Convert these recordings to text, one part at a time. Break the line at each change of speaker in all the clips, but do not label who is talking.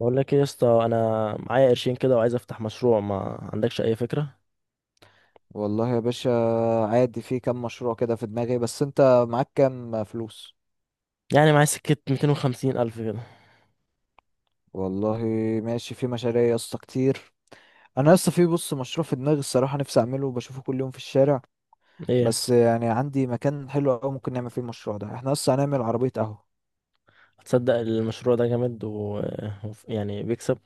بقول لك ايه يا اسطى؟ انا معايا قرشين كده وعايز افتح مشروع. ما عندكش اي فكره؟
والله يا باشا، عادي. في كام مشروع كده في دماغي، بس انت معاك كام فلوس؟
يعني معايا سكه 250 الف كده.
والله ماشي، في مشاريع يا اسطى كتير. انا لسه في بص مشروع في دماغي، الصراحه نفسي اعمله وبشوفه كل يوم في الشارع.
ايه؟
بس يعني عندي مكان حلو قوي ممكن نعمل فيه المشروع ده، احنا لسه هنعمل عربيه قهوه.
هتصدق المشروع ده جامد يعني بيكسب.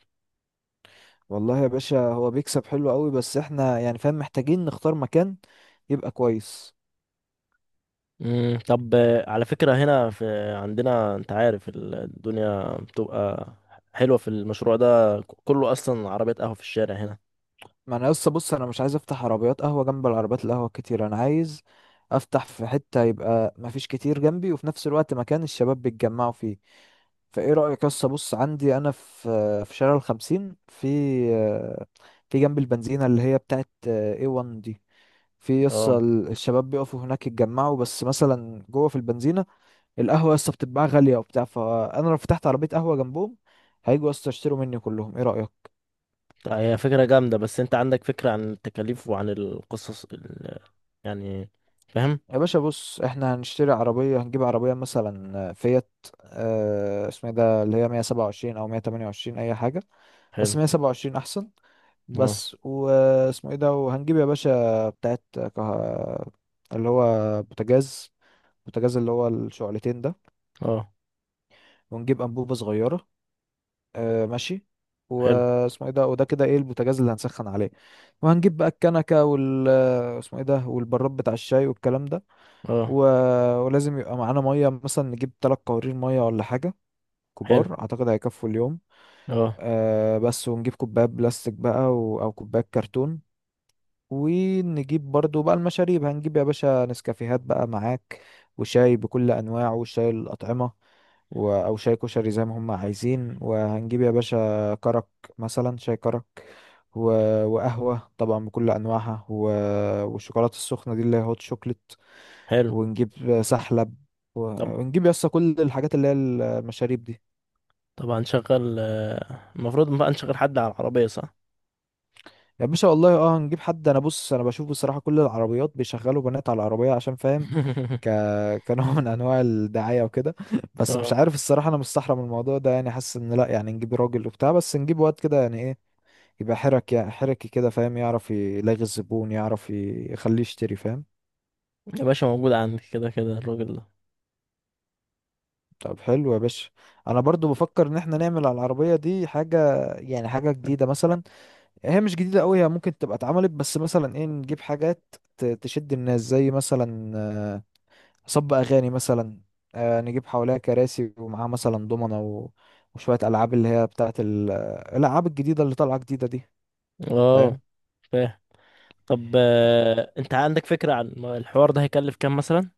والله يا باشا، هو بيكسب حلو قوي، بس احنا يعني فاهم محتاجين نختار مكان يبقى كويس.
مم. طب على فكره، هنا في عندنا انت عارف الدنيا بتبقى حلوه في المشروع ده، كله اصلا عربيات قهوه في الشارع هنا.
ما انا لسه بص، انا مش عايز افتح عربيات قهوه جنب العربيات القهوه كتير، انا عايز افتح في حته يبقى ما فيش كتير جنبي وفي نفس الوقت مكان الشباب بيتجمعوا فيه. فايه رايك؟ لسه بص، عندي انا في شارع 50، في في جنب البنزينه اللي هي بتاعت اي 1 دي. في لسه
اه.
الشباب بيقفوا هناك يتجمعوا، بس مثلا جوه في البنزينه القهوه لسه بتتباع غاليه وبتاع، فانا لو فتحت عربيه قهوه جنبهم هيجوا لسه يشتروا مني كلهم. ايه رايك؟
طيب، هي فكره جامده، بس انت عندك فكره عن التكاليف وعن القصص؟ يعني فاهم.
يا باشا بص، احنا هنشتري عربية، هنجيب عربية مثلا فيات، اه اسمها إيه ده اللي هي 127 او 128 اي حاجة،
حلو.
بس 127 احسن.
اه.
بس واسمه ايه ده، وهنجيب يا باشا بتاعت اللي هو بوتاجاز، بوتاجاز اللي هو الشعلتين ده.
اه.
ونجيب انبوبة صغيرة. اه ماشي،
حلو.
واسمه ايه ده وده كده ايه، البوتاجاز اللي هنسخن عليه. وهنجيب بقى الكنكة وال اسمه ايه ده، والبراد بتاع الشاي والكلام ده.
اه.
و... ولازم يبقى معانا ميه، مثلا نجيب تلات قوارير ميه ولا حاجه
حلو.
كبار، اعتقد هيكفوا اليوم.
اه.
آه بس ونجيب كوبايه بلاستيك بقى او كوبايه كرتون. ونجيب برضو بقى المشاريب، هنجيب يا باشا نسكافيهات بقى معاك، وشاي بكل انواعه وشاي الاطعمه او شاي كشري زي ما هم عايزين، وهنجيب يا باشا كرك، مثلا شاي كرك. و... وقهوه طبعا بكل انواعها والشوكولاته السخنه دي اللي هي هوت شوكليت.
حلو.
ونجيب سحلب و-
طب
ونجيب يسطا كل الحاجات اللي هي المشاريب دي.
طب هنشغل، المفروض بقى نشغل حد على العربية، صح؟
يا باشا والله اه هنجيب حد، انا بص انا بشوف بصراحة كل العربيات بيشغلوا بنات على العربية عشان فاهم، ك... كنوع من انواع الدعاية وكده بس
اه،
مش عارف الصراحة، انا مستحرم الموضوع ده يعني، حاسس ان لا يعني نجيب راجل وبتاع، بس نجيب واد كده يعني ايه، يبقى حرك يعني حركي كده فاهم، يعرف يلاغي الزبون، يعرف يخليه يشتري فاهم.
يا باشا موجود عندي كده كده الراجل ده.
طب حلو يا باشا. انا برضو بفكر ان احنا نعمل على العربية دي حاجة يعني حاجة جديدة مثلا، يعني هي مش جديدة قوي، هي ممكن تبقى اتعملت، بس مثلا ايه نجيب حاجات تشد الناس، زي مثلا صب اغاني مثلا، نجيب حواليها كراسي ومعاها مثلا دومنة وشوية العاب اللي هي بتاعت الالعاب الجديدة اللي طالعة جديدة دي،
اه،
فاهم.
فاهم. طب انت عندك فكرة عن الحوار ده هيكلف كام مثلا؟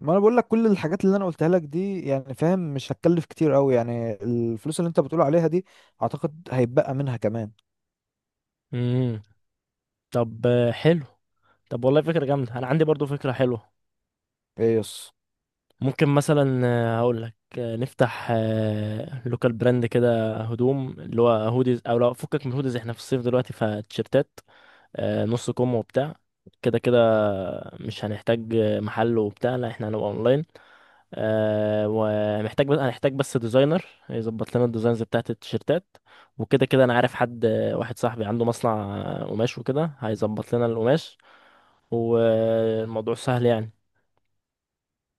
ما انا بقول لك كل الحاجات اللي انا قلتها لك دي يعني فاهم، مش هتكلف كتير قوي، يعني الفلوس اللي انت بتقول عليها دي اعتقد هيتبقى منها كمان.
امم طب، حلو. طب، والله فكرة جامدة. انا عندي برضو فكرة حلوة.
ايه يس؟
ممكن مثلا، هقول لك نفتح لوكال براند كده هدوم، اللي هو هوديز، او لو فكك من هوديز احنا في الصيف دلوقتي فتيشيرتات، نص كم وبتاع كده كده. مش هنحتاج محل وبتاع، لا احنا هنبقى اونلاين، ومحتاج، بس هنحتاج بس ديزاينر يظبط لنا الديزاينز بتاعت التيشيرتات، وكده كده انا عارف حد، واحد صاحبي عنده مصنع قماش وكده هيظبط لنا القماش، والموضوع سهل يعني.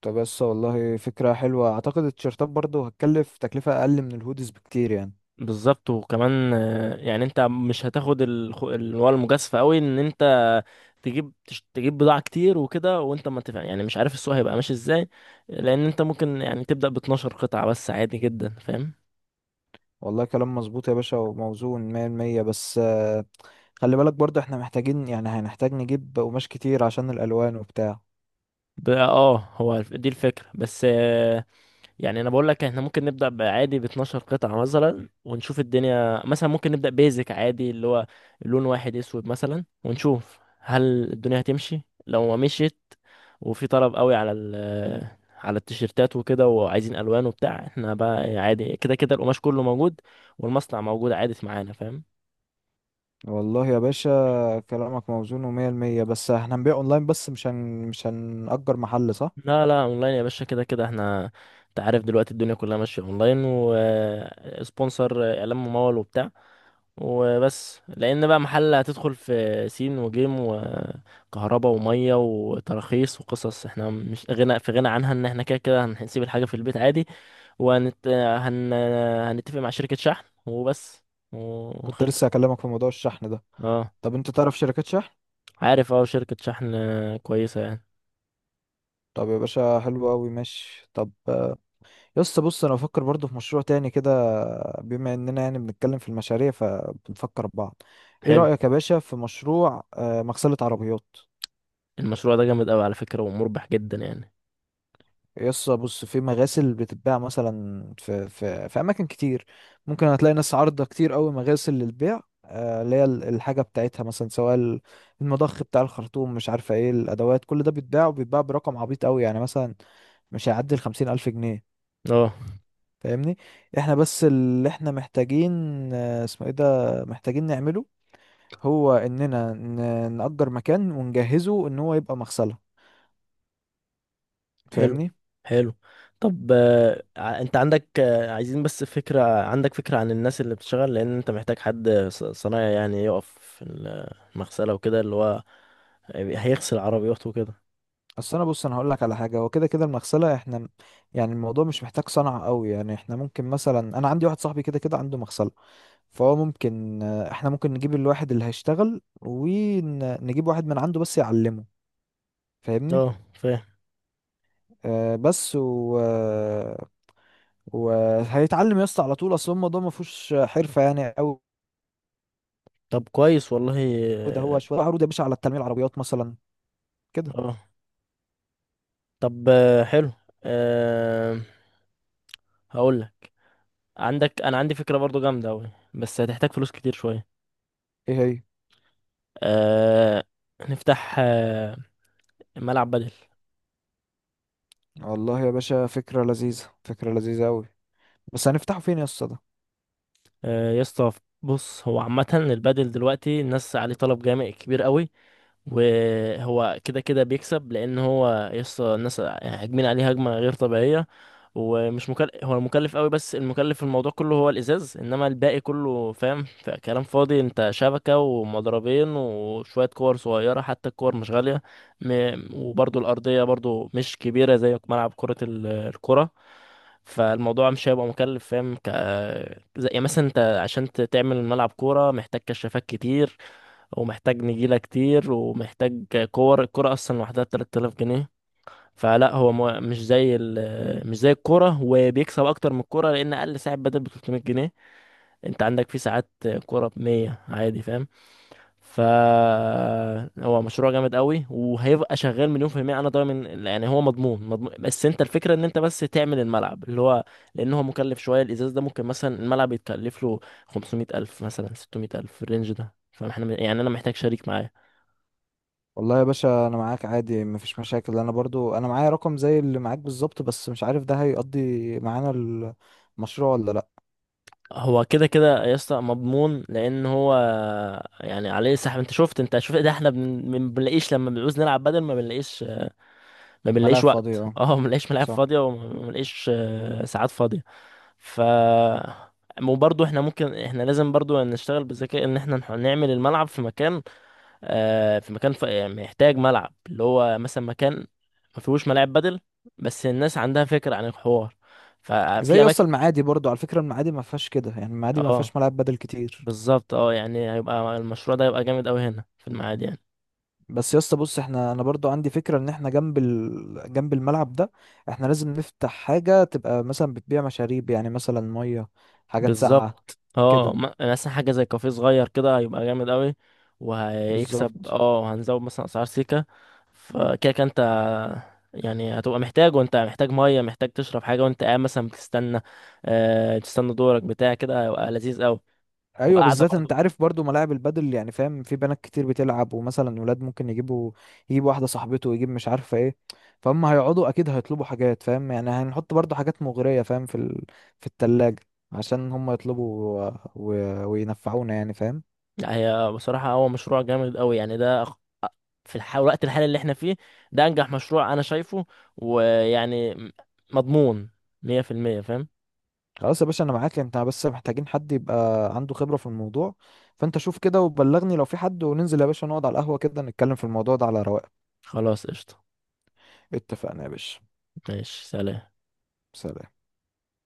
طب بس والله فكرة حلوة، اعتقد التيشيرتات برضو هتكلف تكلفة اقل من الهودز بكتير يعني.
بالظبط. وكمان يعني انت مش هتاخد اللي هو المجازفه قوي، ان انت تجيب تجيب بضاعه كتير وكده وانت ما تفهم، يعني مش عارف السوق هيبقى ماشي ازاي، لان انت ممكن يعني تبدا ب 12 قطعه بس عادي جدا، فاهم.
والله كلام مظبوط يا باشا وموزون مية المية، بس خلي بالك برضه احنا محتاجين، يعني هنحتاج نجيب قماش كتير عشان الألوان وبتاع.
اه، هو دي الفكره بس. يعني انا بقول لك احنا ممكن نبدا بعادي ب 12 قطعه مثلا، ونشوف الدنيا. مثلا ممكن نبدا بيزك عادي، اللي هو لون واحد اسود مثلا، ونشوف هل الدنيا هتمشي. لو ما مشيت وفي طلب قوي على ال على التيشيرتات وكده، وعايزين الوان وبتاع، احنا بقى عادي كده كده القماش كله موجود والمصنع موجود عادي معانا، فاهم.
والله يا باشا كلامك موزون ومية المية، بس احنا هنبيع اونلاين بس، مش هنأجر محل صح؟
لا لا، اونلاين يا باشا. كده كده احنا انت عارف دلوقتي الدنيا كلها ماشيه اونلاين، وسبونسر اعلام ممول وبتاع، وبس. لان بقى محل هتدخل في سين وجيم وكهرباء وميه وتراخيص وقصص احنا مش غنى في غنى عنها، ان احنا كده كده هنسيب الحاجه في البيت عادي، وهنت هن... هنتفق مع شركه شحن وبس.
كنت لسه
وخلصت.
هكلمك في موضوع الشحن ده.
اه،
طب انت تعرف شركات شحن؟
عارف اه شركه شحن كويسه يعني.
طب يا باشا حلو أوي، ماشي. طب يا اسطى بص، أنا بفكر برضه في مشروع تاني كده، بما إننا يعني بنتكلم في المشاريع فبنفكر ببعض. ايه
حلو.
رأيك يا باشا في مشروع مغسلة عربيات؟
المشروع ده جامد قوي على فكره، ومربح جدا يعني.
يس بص، في مغاسل بتتباع مثلا في اماكن كتير، ممكن هتلاقي ناس عارضه كتير قوي مغاسل للبيع، اللي هي الحاجه بتاعتها، مثلا سواء المضخ بتاع الخرطوم، مش عارفه ايه الادوات، كل ده بيتباع وبيتباع برقم عبيط قوي، يعني مثلا مش هيعدي 50 الف جنيه،
اه.
فاهمني. احنا بس اللي احنا محتاجين اسمه ايه ده، محتاجين نعمله، هو اننا نأجر مكان ونجهزه ان هو يبقى مغسله،
حلو.
فاهمني.
حلو. طب انت عندك، عايزين بس فكرة، عندك فكرة عن الناس اللي بتشتغل؟ لان انت محتاج حد صنايعي يعني يقف في المغسلة وكده، اللي هو هيغسل عربيات وكده.
اصل انا بص انا هقول لك على حاجه، هو كده كده المغسله احنا يعني الموضوع مش محتاج صنعه قوي، يعني احنا ممكن مثلا، انا عندي واحد صاحبي كده كده عنده مغسله، فهو ممكن احنا ممكن نجيب الواحد اللي هيشتغل ونجيب واحد من عنده بس يعلمه، فاهمني.
اه، فاهم.
آه بس و... آه، وهيتعلم يا اسطى على طول، اصل الموضوع ما فيهوش حرفه يعني قوي.
طب كويس والله.
ده هو
اه.
شويه عروض يا باشا على التلميع العربيات مثلا كده.
آه. طب حلو. أه، هقول لك، عندك، انا عندي فكرة برضو جامدة اوي بس هتحتاج فلوس كتير شوية.
ايه هي؟
أه، نفتح ملعب بدل.
والله يا باشا فكره لذيذه، فكره لذيذه قوي، بس هنفتحه فين يا اسطى ده؟
يا اسطى بص، هو عامة البادل دلوقتي الناس عليه طلب جامد كبير قوي، وهو كده كده بيكسب. لأن هو يا اسطى الناس هاجمين عليه هجمة غير طبيعية، ومش مكلف. هو مكلف قوي بس المكلف في الموضوع كله هو الإزاز، إنما الباقي كله فاهم كلام فاضي، أنت شبكة ومضربين وشوية كور صغيرة، حتى الكور مش غالية. وبرضو الأرضية برضو مش كبيرة زي ملعب كرة الكرة، فالموضوع مش هيبقى مكلف، فاهم. زي يعني مثلا انت عشان تعمل ملعب كورة محتاج كشافات كتير، ومحتاج نجيلة كتير، ومحتاج كور، الكورة أصلا لوحدها 3000 جنيه. فلا هو مو... مش زي ال... مش زي الكورة، وبيكسب أكتر من الكورة، لأن أقل ساعة بدل ب 300 جنيه. أنت عندك في ساعات كورة ب 100 عادي، فاهم. فهو مشروع جامد قوي، وهيبقى شغال مليون في المية، انا ضامن يعني. هو مضمون مضمون، بس انت الفكرة ان انت بس تعمل الملعب اللي هو، لان هو مكلف شوية الازاز ده. ممكن مثلا الملعب يتكلف له 500 الف، مثلا 600 الف الرينج ده، فاحنا يعني انا محتاج شريك معايا.
والله يا باشا انا معاك عادي مفيش مشاكل، انا برضو انا معايا رقم زي اللي معاك بالظبط، بس مش عارف ده هيقضي معانا المشروع ولا لا.
هو كده كده يا اسطى مضمون، لان هو يعني عليه سحب. انت شفت، انت شفت ده احنا ما بنلاقيش لما بنعوز نلعب بدل، ما بنلاقيش. ما بنلاقيش
ملاعب فاضية
وقت،
اه،
اه، ما بنلاقيش ملاعب
صح.
فاضية، وما بنلاقيش ساعات فاضية. ف، وبرضه احنا ممكن، احنا لازم برضه نشتغل بذكاء، ان احنا نعمل الملعب في مكان، آه، في مكان، يعني محتاج ملعب اللي هو مثلا مكان ما فيهوش ملاعب بدل، بس الناس عندها فكرة عن الحوار. ففي
زي
اماكن.
يسطا المعادي برضو على فكرة، المعادي ما فيهاش كده يعني، المعادي ما
اه،
فيهاش ملاعب بدل كتير.
بالظبط، اه. يعني هيبقى المشروع ده هيبقى جامد قوي هنا في المعادي يعني.
بس يسطا بص، احنا انا برضو عندي فكرة ان احنا جنب جنب الملعب ده احنا لازم نفتح حاجة تبقى مثلا بتبيع مشاريب، يعني مثلا مية، حاجات ساقعة
بالظبط، اه.
كده.
مثلا حاجه زي كافيه صغير كده هيبقى جامد قوي، وهيكسب.
بالظبط.
اه، هنزود مثلا اسعار سيكا. فكده كده انت يعني هتبقى محتاج، وانت محتاج ميه، محتاج تشرب حاجه وانت قاعد مثلا بتستنى، آه، تستنى دورك بتاع كده، هيبقى لذيذ قوي.
ايوه
وقاعده
بالذات انت
برضو.
عارف برضو ملاعب البادل يعني فاهم، في بنات كتير بتلعب، ومثلا ولاد ممكن يجيبوا، يجيب واحده صاحبته ويجيب مش عارفه ايه، فهم هيقعدوا اكيد هيطلبوا حاجات فاهم يعني. هنحط برضو حاجات مغريه فاهم في التلاجة عشان هم يطلبوا و... و... وينفعونا يعني فاهم.
لا، هي بصراحه هو مشروع جامد قوي يعني. ده الوقت الحالي اللي احنا فيه، ده انجح مشروع انا شايفه، ويعني مضمون 100%، فاهم.
خلاص يا باشا انا معاك، انت بس محتاجين حد يبقى عنده خبره في الموضوع، فانت شوف كده وبلغني لو في حد، وننزل يا باشا نقعد على القهوه كده نتكلم في الموضوع ده على رواق.
خلاص، قشطه.
اتفقنا يا باشا.
ماشي، سلام.
سلام.